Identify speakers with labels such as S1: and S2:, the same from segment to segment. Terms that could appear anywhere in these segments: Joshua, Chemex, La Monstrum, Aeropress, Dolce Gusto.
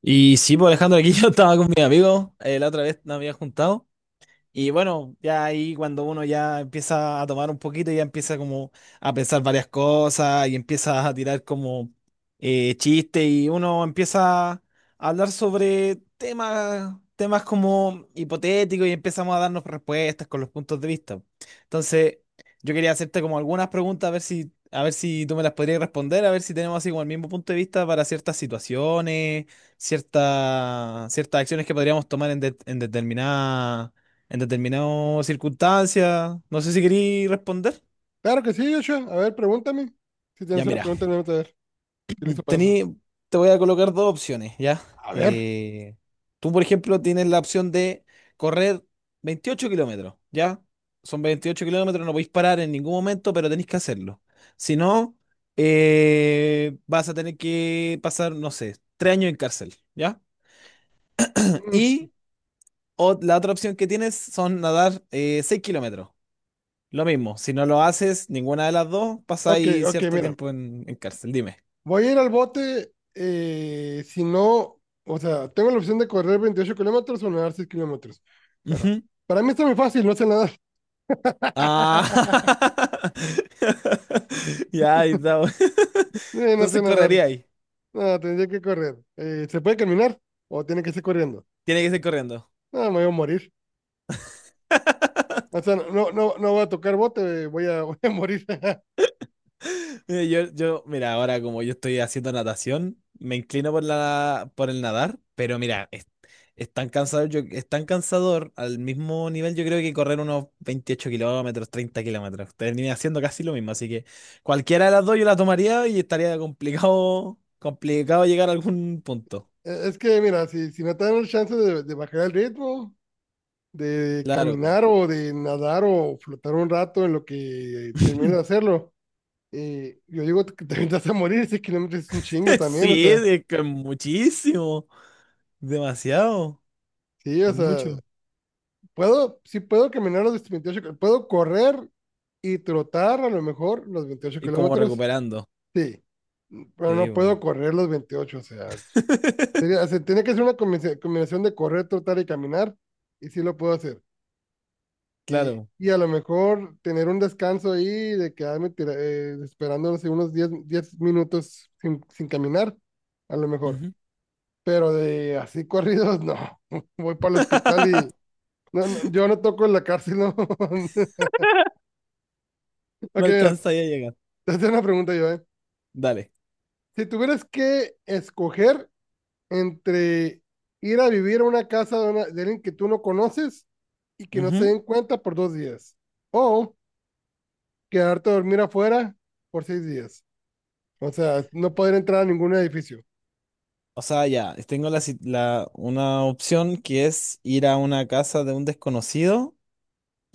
S1: Y sí, pues Alejandro, aquí yo estaba con mi amigo, la otra vez nos había juntado, y bueno, ya ahí cuando uno ya empieza a tomar un poquito, ya empieza como a pensar varias cosas y empieza a tirar como chistes, y uno empieza a hablar sobre temas como hipotéticos, y empezamos a darnos respuestas con los puntos de vista. Entonces, yo quería hacerte como algunas preguntas a ver si tú me las podrías responder, a ver si tenemos así como el mismo punto de vista para ciertas situaciones, ciertas acciones que podríamos tomar en determinadas circunstancias. No sé si querí responder.
S2: Claro que sí, Joshua. A ver, pregúntame. Si
S1: Ya,
S2: tienes una
S1: mira,
S2: pregunta, me a ver. Estoy listo para eso.
S1: tení, te voy a colocar dos opciones, ¿ya?
S2: A ver.
S1: Eh, Tú, por ejemplo, tienes la opción de correr 28 kilómetros, ¿ya? Son 28 kilómetros, no podéis parar en ningún momento, pero tenéis que hacerlo. Si no, vas a tener que pasar, no sé, 3 años en cárcel, ¿ya?
S2: Mm,
S1: Y la otra opción que tienes son nadar 6 kilómetros. Lo mismo, si no lo haces, ninguna de las dos,
S2: ok,
S1: pasáis
S2: ok,
S1: cierto
S2: mira.
S1: tiempo en cárcel, dime.
S2: Voy a ir al bote si no, o sea, tengo la opción de correr 28 kilómetros o nadar 6 kilómetros. Bueno,
S1: Ujú.
S2: para mí está muy fácil, no sé nadar.
S1: Ah, ya, ahí está.
S2: No sé
S1: Entonces
S2: nadar.
S1: correría ahí.
S2: No, tendría que correr. ¿Se puede caminar o tiene que ser corriendo?
S1: Tiene que ser corriendo.
S2: No, me voy a morir. O sea, no, no, no voy a tocar bote, voy a, voy a morir.
S1: Mira. Ahora como yo estoy haciendo natación, me inclino por la, por el nadar, pero mira, es tan cansador, yo, es tan cansador al mismo nivel, yo creo que correr unos 28 kilómetros, 30 kilómetros. Terminé haciendo casi lo mismo, así que cualquiera de las dos yo la tomaría y estaría complicado, complicado llegar a algún punto.
S2: Es que, mira, si, si no te dan el chance de bajar el ritmo, de
S1: Claro.
S2: caminar o de nadar o flotar un rato en lo que termino de hacerlo. Y yo digo que te vas a morir, 6 kilómetros es un chingo también, o
S1: Sí,
S2: sea,
S1: es que es muchísimo, demasiado,
S2: sí, o
S1: es
S2: sea,
S1: mucho.
S2: puedo, sí puedo caminar los 28 puedo correr y trotar a lo mejor los 28
S1: Y como
S2: kilómetros,
S1: recuperando.
S2: sí, pero
S1: Sí,
S2: no puedo correr los 28, o sea, sería, o sea, tiene que ser una combinación de correr, trotar y caminar, y sí lo puedo hacer. Y,
S1: claro.
S2: y a lo mejor tener un descanso ahí de quedarme esperando, no sé, unos diez minutos sin, sin caminar, a lo mejor.
S1: Ujú.
S2: Pero de así corridos, no. Voy para el hospital y no, no, yo no toco en la cárcel, no. Ok,
S1: No
S2: mira,
S1: alcanza ya a llegar.
S2: te hacía una pregunta yo, ¿eh?
S1: Dale.
S2: Si tuvieras que escoger entre ir a vivir a una casa de, una- de alguien que tú no conoces y que no se
S1: Ujú.
S2: den cuenta por 2 días, o quedarte a dormir afuera por 6 días. O sea, no poder entrar a ningún edificio.
S1: O sea, ya, tengo la, si- la- una opción, que es ir a una casa de un desconocido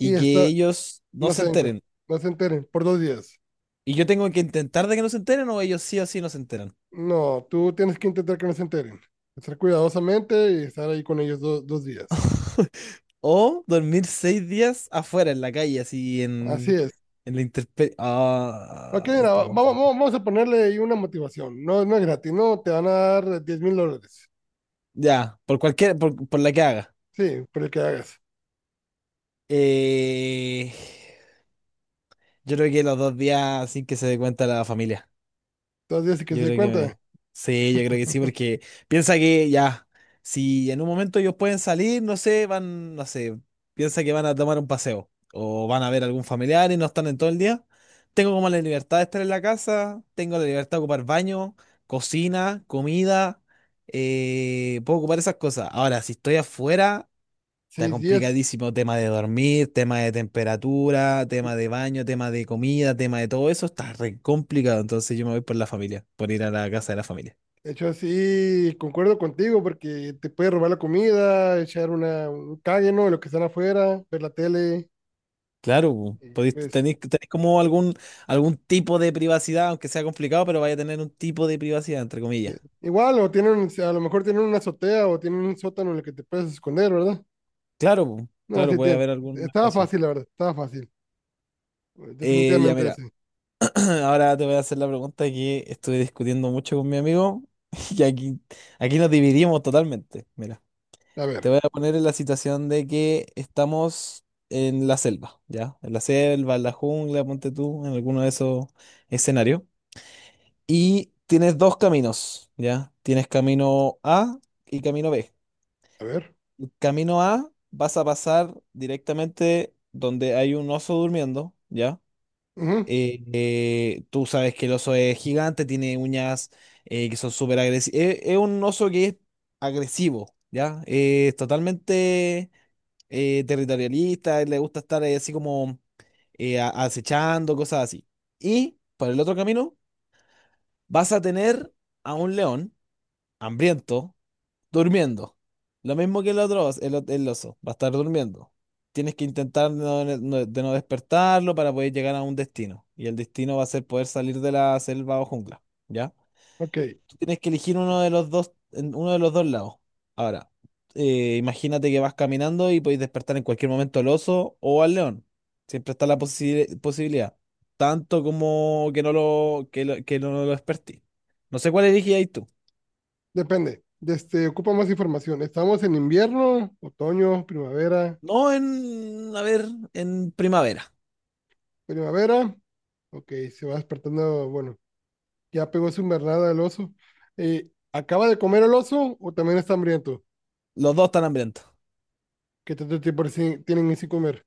S2: Y
S1: que
S2: está,
S1: ellos no
S2: no
S1: se
S2: se den cuenta,
S1: enteren.
S2: no se enteren por 2 días.
S1: Y yo tengo que intentar de que no se enteren, o ellos sí o sí no se enteran.
S2: No, tú tienes que intentar que no se enteren. Estar cuidadosamente y estar ahí con ellos 2 días.
S1: O dormir 6 días afuera en la calle, así
S2: Así
S1: en,
S2: es.
S1: en la intemperie.
S2: Ok,
S1: Ah,
S2: mira,
S1: está
S2: vamos,
S1: confuso.
S2: vamos a ponerle ahí una motivación. No, no es gratis, no, te van a dar $10,000.
S1: Ya, por cualquier, por la que haga.
S2: Sí, por el que hagas.
S1: Eh, yo creo que los 2 días sin que se dé cuenta la familia.
S2: 2 días y que se
S1: Yo
S2: dé
S1: creo que
S2: cuenta.
S1: me- Sí, yo creo que sí, porque piensa que ya, si en un momento ellos pueden salir, no sé, van, no sé, piensa que van a tomar un paseo o van a ver algún familiar y no están en todo el día. Tengo como la libertad de estar en la casa, tengo la libertad de ocupar baño, cocina, comida, puedo ocupar esas cosas. Ahora, si estoy afuera, está
S2: 6 días.
S1: complicadísimo: tema de dormir, tema de temperatura, tema de baño, tema de comida, tema de todo eso, está re complicado. Entonces yo me voy por la familia, por ir a la casa de la familia.
S2: De hecho, sí, concuerdo contigo porque te puede robar la comida, echar una, un cague, ¿no? Lo que están afuera, ver la tele.
S1: Claro, po,
S2: Y
S1: podéis-
S2: pues
S1: tenéis, tenéis como algún tipo de privacidad, aunque sea complicado, pero vaya a tener un tipo de privacidad, entre comillas.
S2: Igual, o tienen, si a lo mejor tienen una azotea o tienen un sótano en el que te puedes esconder, ¿verdad?
S1: Claro, po,
S2: No,
S1: claro,
S2: sí,
S1: puede haber algún
S2: estaba
S1: espacio.
S2: fácil, la verdad, estaba fácil.
S1: Ya
S2: Definitivamente
S1: mira,
S2: sí.
S1: ahora te voy a hacer la pregunta que estuve discutiendo mucho con mi amigo y aquí, aquí nos dividimos totalmente. Mira.
S2: A ver,
S1: Te voy a poner en la situación de que estamos en la selva, ¿ya? En la selva, en la jungla, ponte tú, en alguno de esos escenarios. Y tienes dos caminos, ¿ya? Tienes camino A y camino B.
S2: a ver.
S1: Camino A vas a pasar directamente donde hay un oso durmiendo, ¿ya?
S2: Ujú.
S1: Tú sabes que el oso es gigante, tiene uñas que son súper agresivas. Un oso que es agresivo, ¿ya? Es totalmente territorialista, él le gusta estar ahí así como acechando, cosas así. Y por el otro camino vas a tener a un león hambriento durmiendo. Lo mismo que el otro, el oso, va a estar durmiendo. Tienes que intentar de no despertarlo para poder llegar a un destino. Y el destino va a ser poder salir de la selva o jungla, ¿ya?
S2: Ok,
S1: Tú tienes que elegir uno de los dos, en uno de los dos lados. Ahora, imagínate que vas caminando y podéis despertar en cualquier momento al oso o al león. Siempre está la posibilidad. Tanto como que no lo, que lo, que no lo despertí. No sé cuál elegí ahí tú.
S2: depende. Este, ocupa más información. ¿Estamos en invierno, otoño, primavera?
S1: No a ver, en primavera.
S2: Primavera. Ok, se va despertando, bueno, ya pegó su invernada el oso. ¿Acaba de comer el oso o también está hambriento?
S1: Los dos están hambrientos.
S2: ¿Qué tanto tiempo tienen sin comer?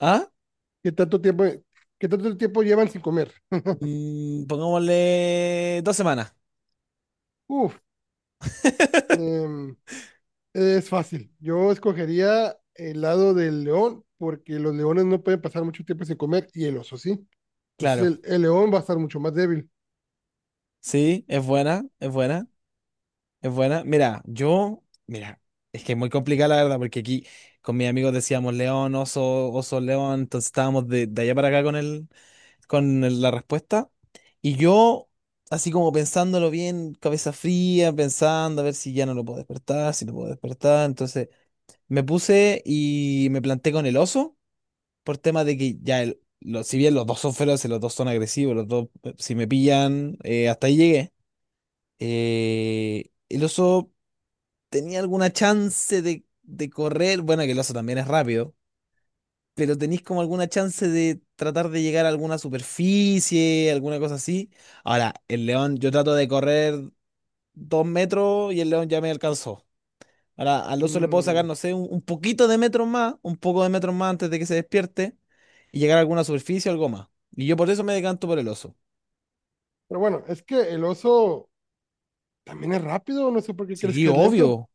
S1: ¿Ah?
S2: ¿Qué tanto tiempo, qué tanto tiempo llevan sin comer?
S1: Pongámosle 2 semanas.
S2: Uf. Em, es fácil. Yo escogería el lado del león, porque los leones no pueden pasar mucho tiempo sin comer y el oso sí. Entonces
S1: Claro.
S2: el león va a estar mucho más débil.
S1: Sí, es buena, es buena, es buena. Mira, es que es muy complicada la verdad, porque aquí con mis amigos decíamos león, oso, oso, león, entonces estábamos de allá para acá la respuesta. Y yo, así como pensándolo bien, cabeza fría, pensando a ver si ya no lo puedo despertar, si lo puedo despertar. Entonces me puse y me planté con el oso, por tema de que ya, si bien los dos son feroces, los dos son agresivos, los dos, si me pillan, hasta ahí llegué. El oso tenía alguna chance de correr, bueno, que el oso también es rápido, pero tenéis como alguna chance de tratar de llegar a alguna superficie, alguna cosa así. Ahora, el león, yo trato de correr 2 metros y el león ya me alcanzó. Ahora, al oso le puedo
S2: Mm,
S1: sacar, no sé, un poquito de metros más, un poco de metros más antes de que se despierte y llegar a alguna superficie o algo más. Y yo por eso me decanto por el oso.
S2: pero bueno, es que el oso también es rápido, no sé por qué crees
S1: Sí,
S2: que es lento.
S1: obvio,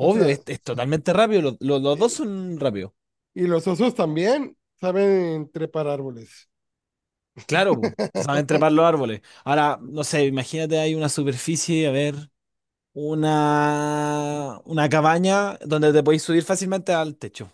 S2: O sea,
S1: es totalmente rápido, los dos
S2: eh,
S1: son rápidos.
S2: y los osos también saben trepar árboles.
S1: Claro, saben trepar los árboles. Ahora, no sé, imagínate hay una superficie, a ver. Una cabaña donde te podéis subir fácilmente al techo.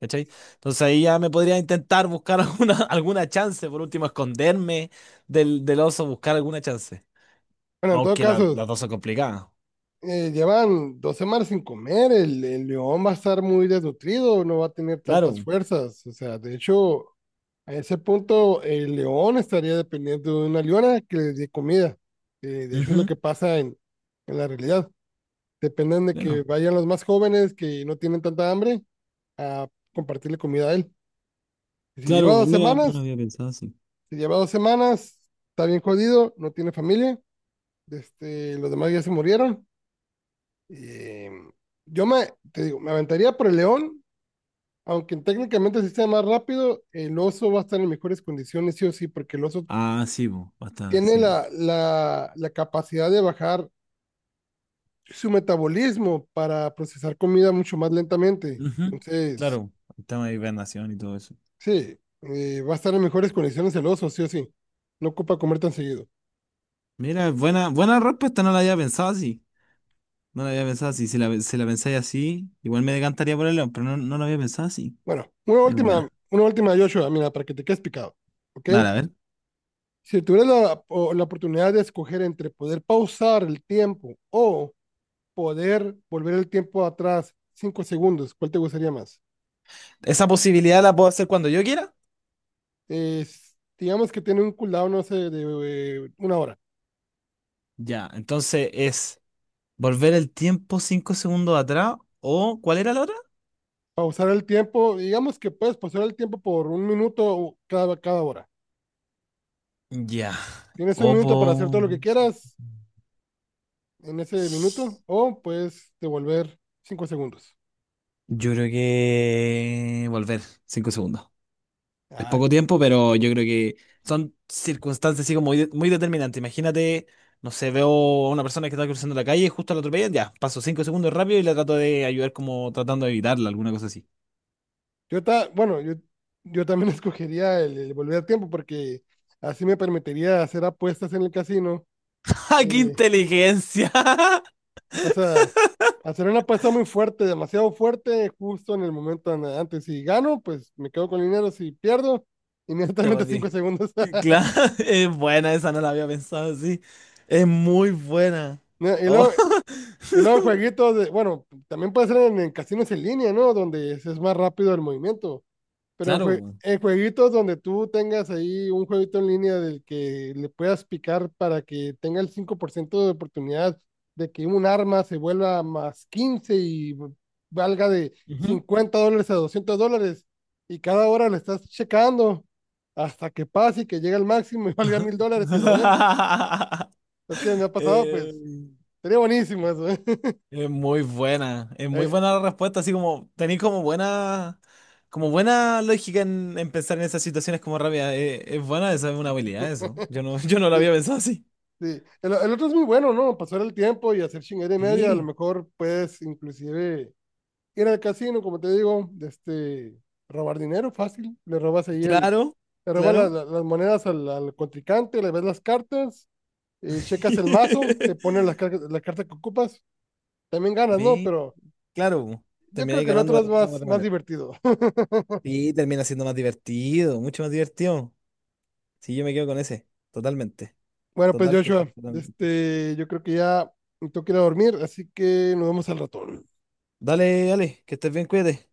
S1: ¿Cachai? Entonces ahí ya me podría intentar buscar alguna chance, por último, esconderme del oso, buscar alguna chance.
S2: Bueno, en todo
S1: Aunque la-
S2: caso,
S1: las dos son complicadas.
S2: llevan 2 semanas sin comer, el león va a estar muy desnutrido, no va a tener tantas
S1: Claro.
S2: fuerzas, o sea, de hecho, a ese punto, el león estaría dependiendo de una leona que le dé comida. De hecho, es lo
S1: Ujú,
S2: que pasa en la realidad. Dependen de que
S1: claro.
S2: vayan los más jóvenes que no tienen tanta hambre a compartirle comida a él. Si lleva
S1: Claro,
S2: dos
S1: mira, no lo
S2: semanas,
S1: había pensado así.
S2: si lleva dos semanas, está bien jodido, no tiene familia, este, los demás ya se murieron. Eh, yo me, te digo, me aventaría por el león, aunque técnicamente sí sea más rápido, el oso va a estar en mejores condiciones, sí o sí, porque el oso
S1: Ah, sí, po, va a estar,
S2: tiene
S1: sí, po.
S2: la, la, la capacidad de bajar su metabolismo para procesar comida mucho más lentamente.
S1: Ujú,
S2: Entonces,
S1: claro, el tema de hibernación y todo eso.
S2: sí, va a estar en mejores condiciones el oso, sí o sí. No ocupa comer tan seguido.
S1: Mira, buena, buena respuesta, no la había pensado así. No lo había pensado así. Si la pensáis así, igual me decantaría por el león, pero no, no lo había pensado así.
S2: Bueno,
S1: Es buena.
S2: una última, Joshua, mira, para que te quedes picado, ¿ok?
S1: Dale, a ver.
S2: Si tuvieras la, la oportunidad de escoger entre poder pausar el tiempo o poder volver el tiempo atrás 5 segundos, ¿cuál te gustaría más?
S1: Esa posibilidad la puedo hacer cuando yo quiera.
S2: Digamos que tiene un cooldown, no sé, de una hora.
S1: Ya, entonces es volver el tiempo 5 segundos atrás, o ¿cuál era la otra?
S2: Pausar el tiempo, digamos que puedes pausar el tiempo por un minuto cada, cada hora.
S1: Ya.
S2: Tienes un
S1: O
S2: minuto para hacer todo
S1: por...
S2: lo que quieras en ese minuto o puedes devolver 5 segundos.
S1: Yo creo que volver 5 segundos. Es
S2: Ah,
S1: poco tiempo, pero yo creo que son circunstancias así como muy determinantes. Imagínate, no sé, veo a una persona que está cruzando la calle, justo la atropellan, ya, paso 5 segundos rápido y la trato de ayudar como tratando de evitarla, alguna cosa así.
S2: bueno, yo también escogería el volver tiempo porque así me permitiría hacer apuestas en el casino.
S1: ¡Ja! ¡Qué
S2: Eh,
S1: inteligencia!
S2: o sea, hacer una apuesta muy fuerte, demasiado fuerte, justo en el momento antes. Si gano, pues me quedo con el dinero. Si pierdo,
S1: Te
S2: inmediatamente cinco
S1: volví.
S2: segundos.
S1: Claro, es buena, esa no la había pensado así. Es muy buena.
S2: No, y
S1: Oh.
S2: luego, Y luego jueguitos de, bueno, también puede ser en casinos en línea, ¿no? Donde es más rápido el movimiento. Pero en,
S1: Claro.
S2: en jueguitos donde tú tengas ahí un jueguito en línea del que le puedas picar para que tenga el 5% de oportunidad de que un arma se vuelva más 15 y valga de
S1: Ujú.
S2: $50 a $200. Y cada hora le estás checando hasta que pase y que llegue al máximo y valga $1,000 y lo vendes. Es que me ha pasado,
S1: Eh,
S2: pues, sería buenísimo eso, ¿eh?
S1: Es muy buena la respuesta, así como tenéis como buena, lógica en pensar en esas situaciones como rápida. Es buena, esa es una
S2: Eh,
S1: habilidad, eso. Yo no, yo no lo había
S2: de-
S1: pensado así.
S2: el otro es muy bueno, ¿no? Pasar el tiempo y hacer chingadera y media, a lo
S1: Sí.
S2: mejor puedes inclusive ir al casino, como te digo, de este, robar dinero fácil, le robas ahí el,
S1: Claro,
S2: le robas
S1: claro.
S2: las monedas al, al contrincante, le ves las cartas, checas el mazo, te ponen las, la carta que ocupas, también ganas, ¿no?
S1: Sí,
S2: Pero
S1: claro, po.
S2: yo creo
S1: Termináis
S2: que el
S1: ganando
S2: otro
S1: de
S2: es
S1: alguna u
S2: más,
S1: otra
S2: más
S1: manera.
S2: divertido.
S1: Y termina siendo más divertido, mucho más divertido. Sí, yo me quedo con ese, totalmente.
S2: Bueno, pues
S1: Total, total,
S2: Joshua, de
S1: totalmente.
S2: este, yo creo que ya me tengo que ir a dormir, así que nos vemos al ratón.
S1: Dale, dale, que estés bien, cuídate.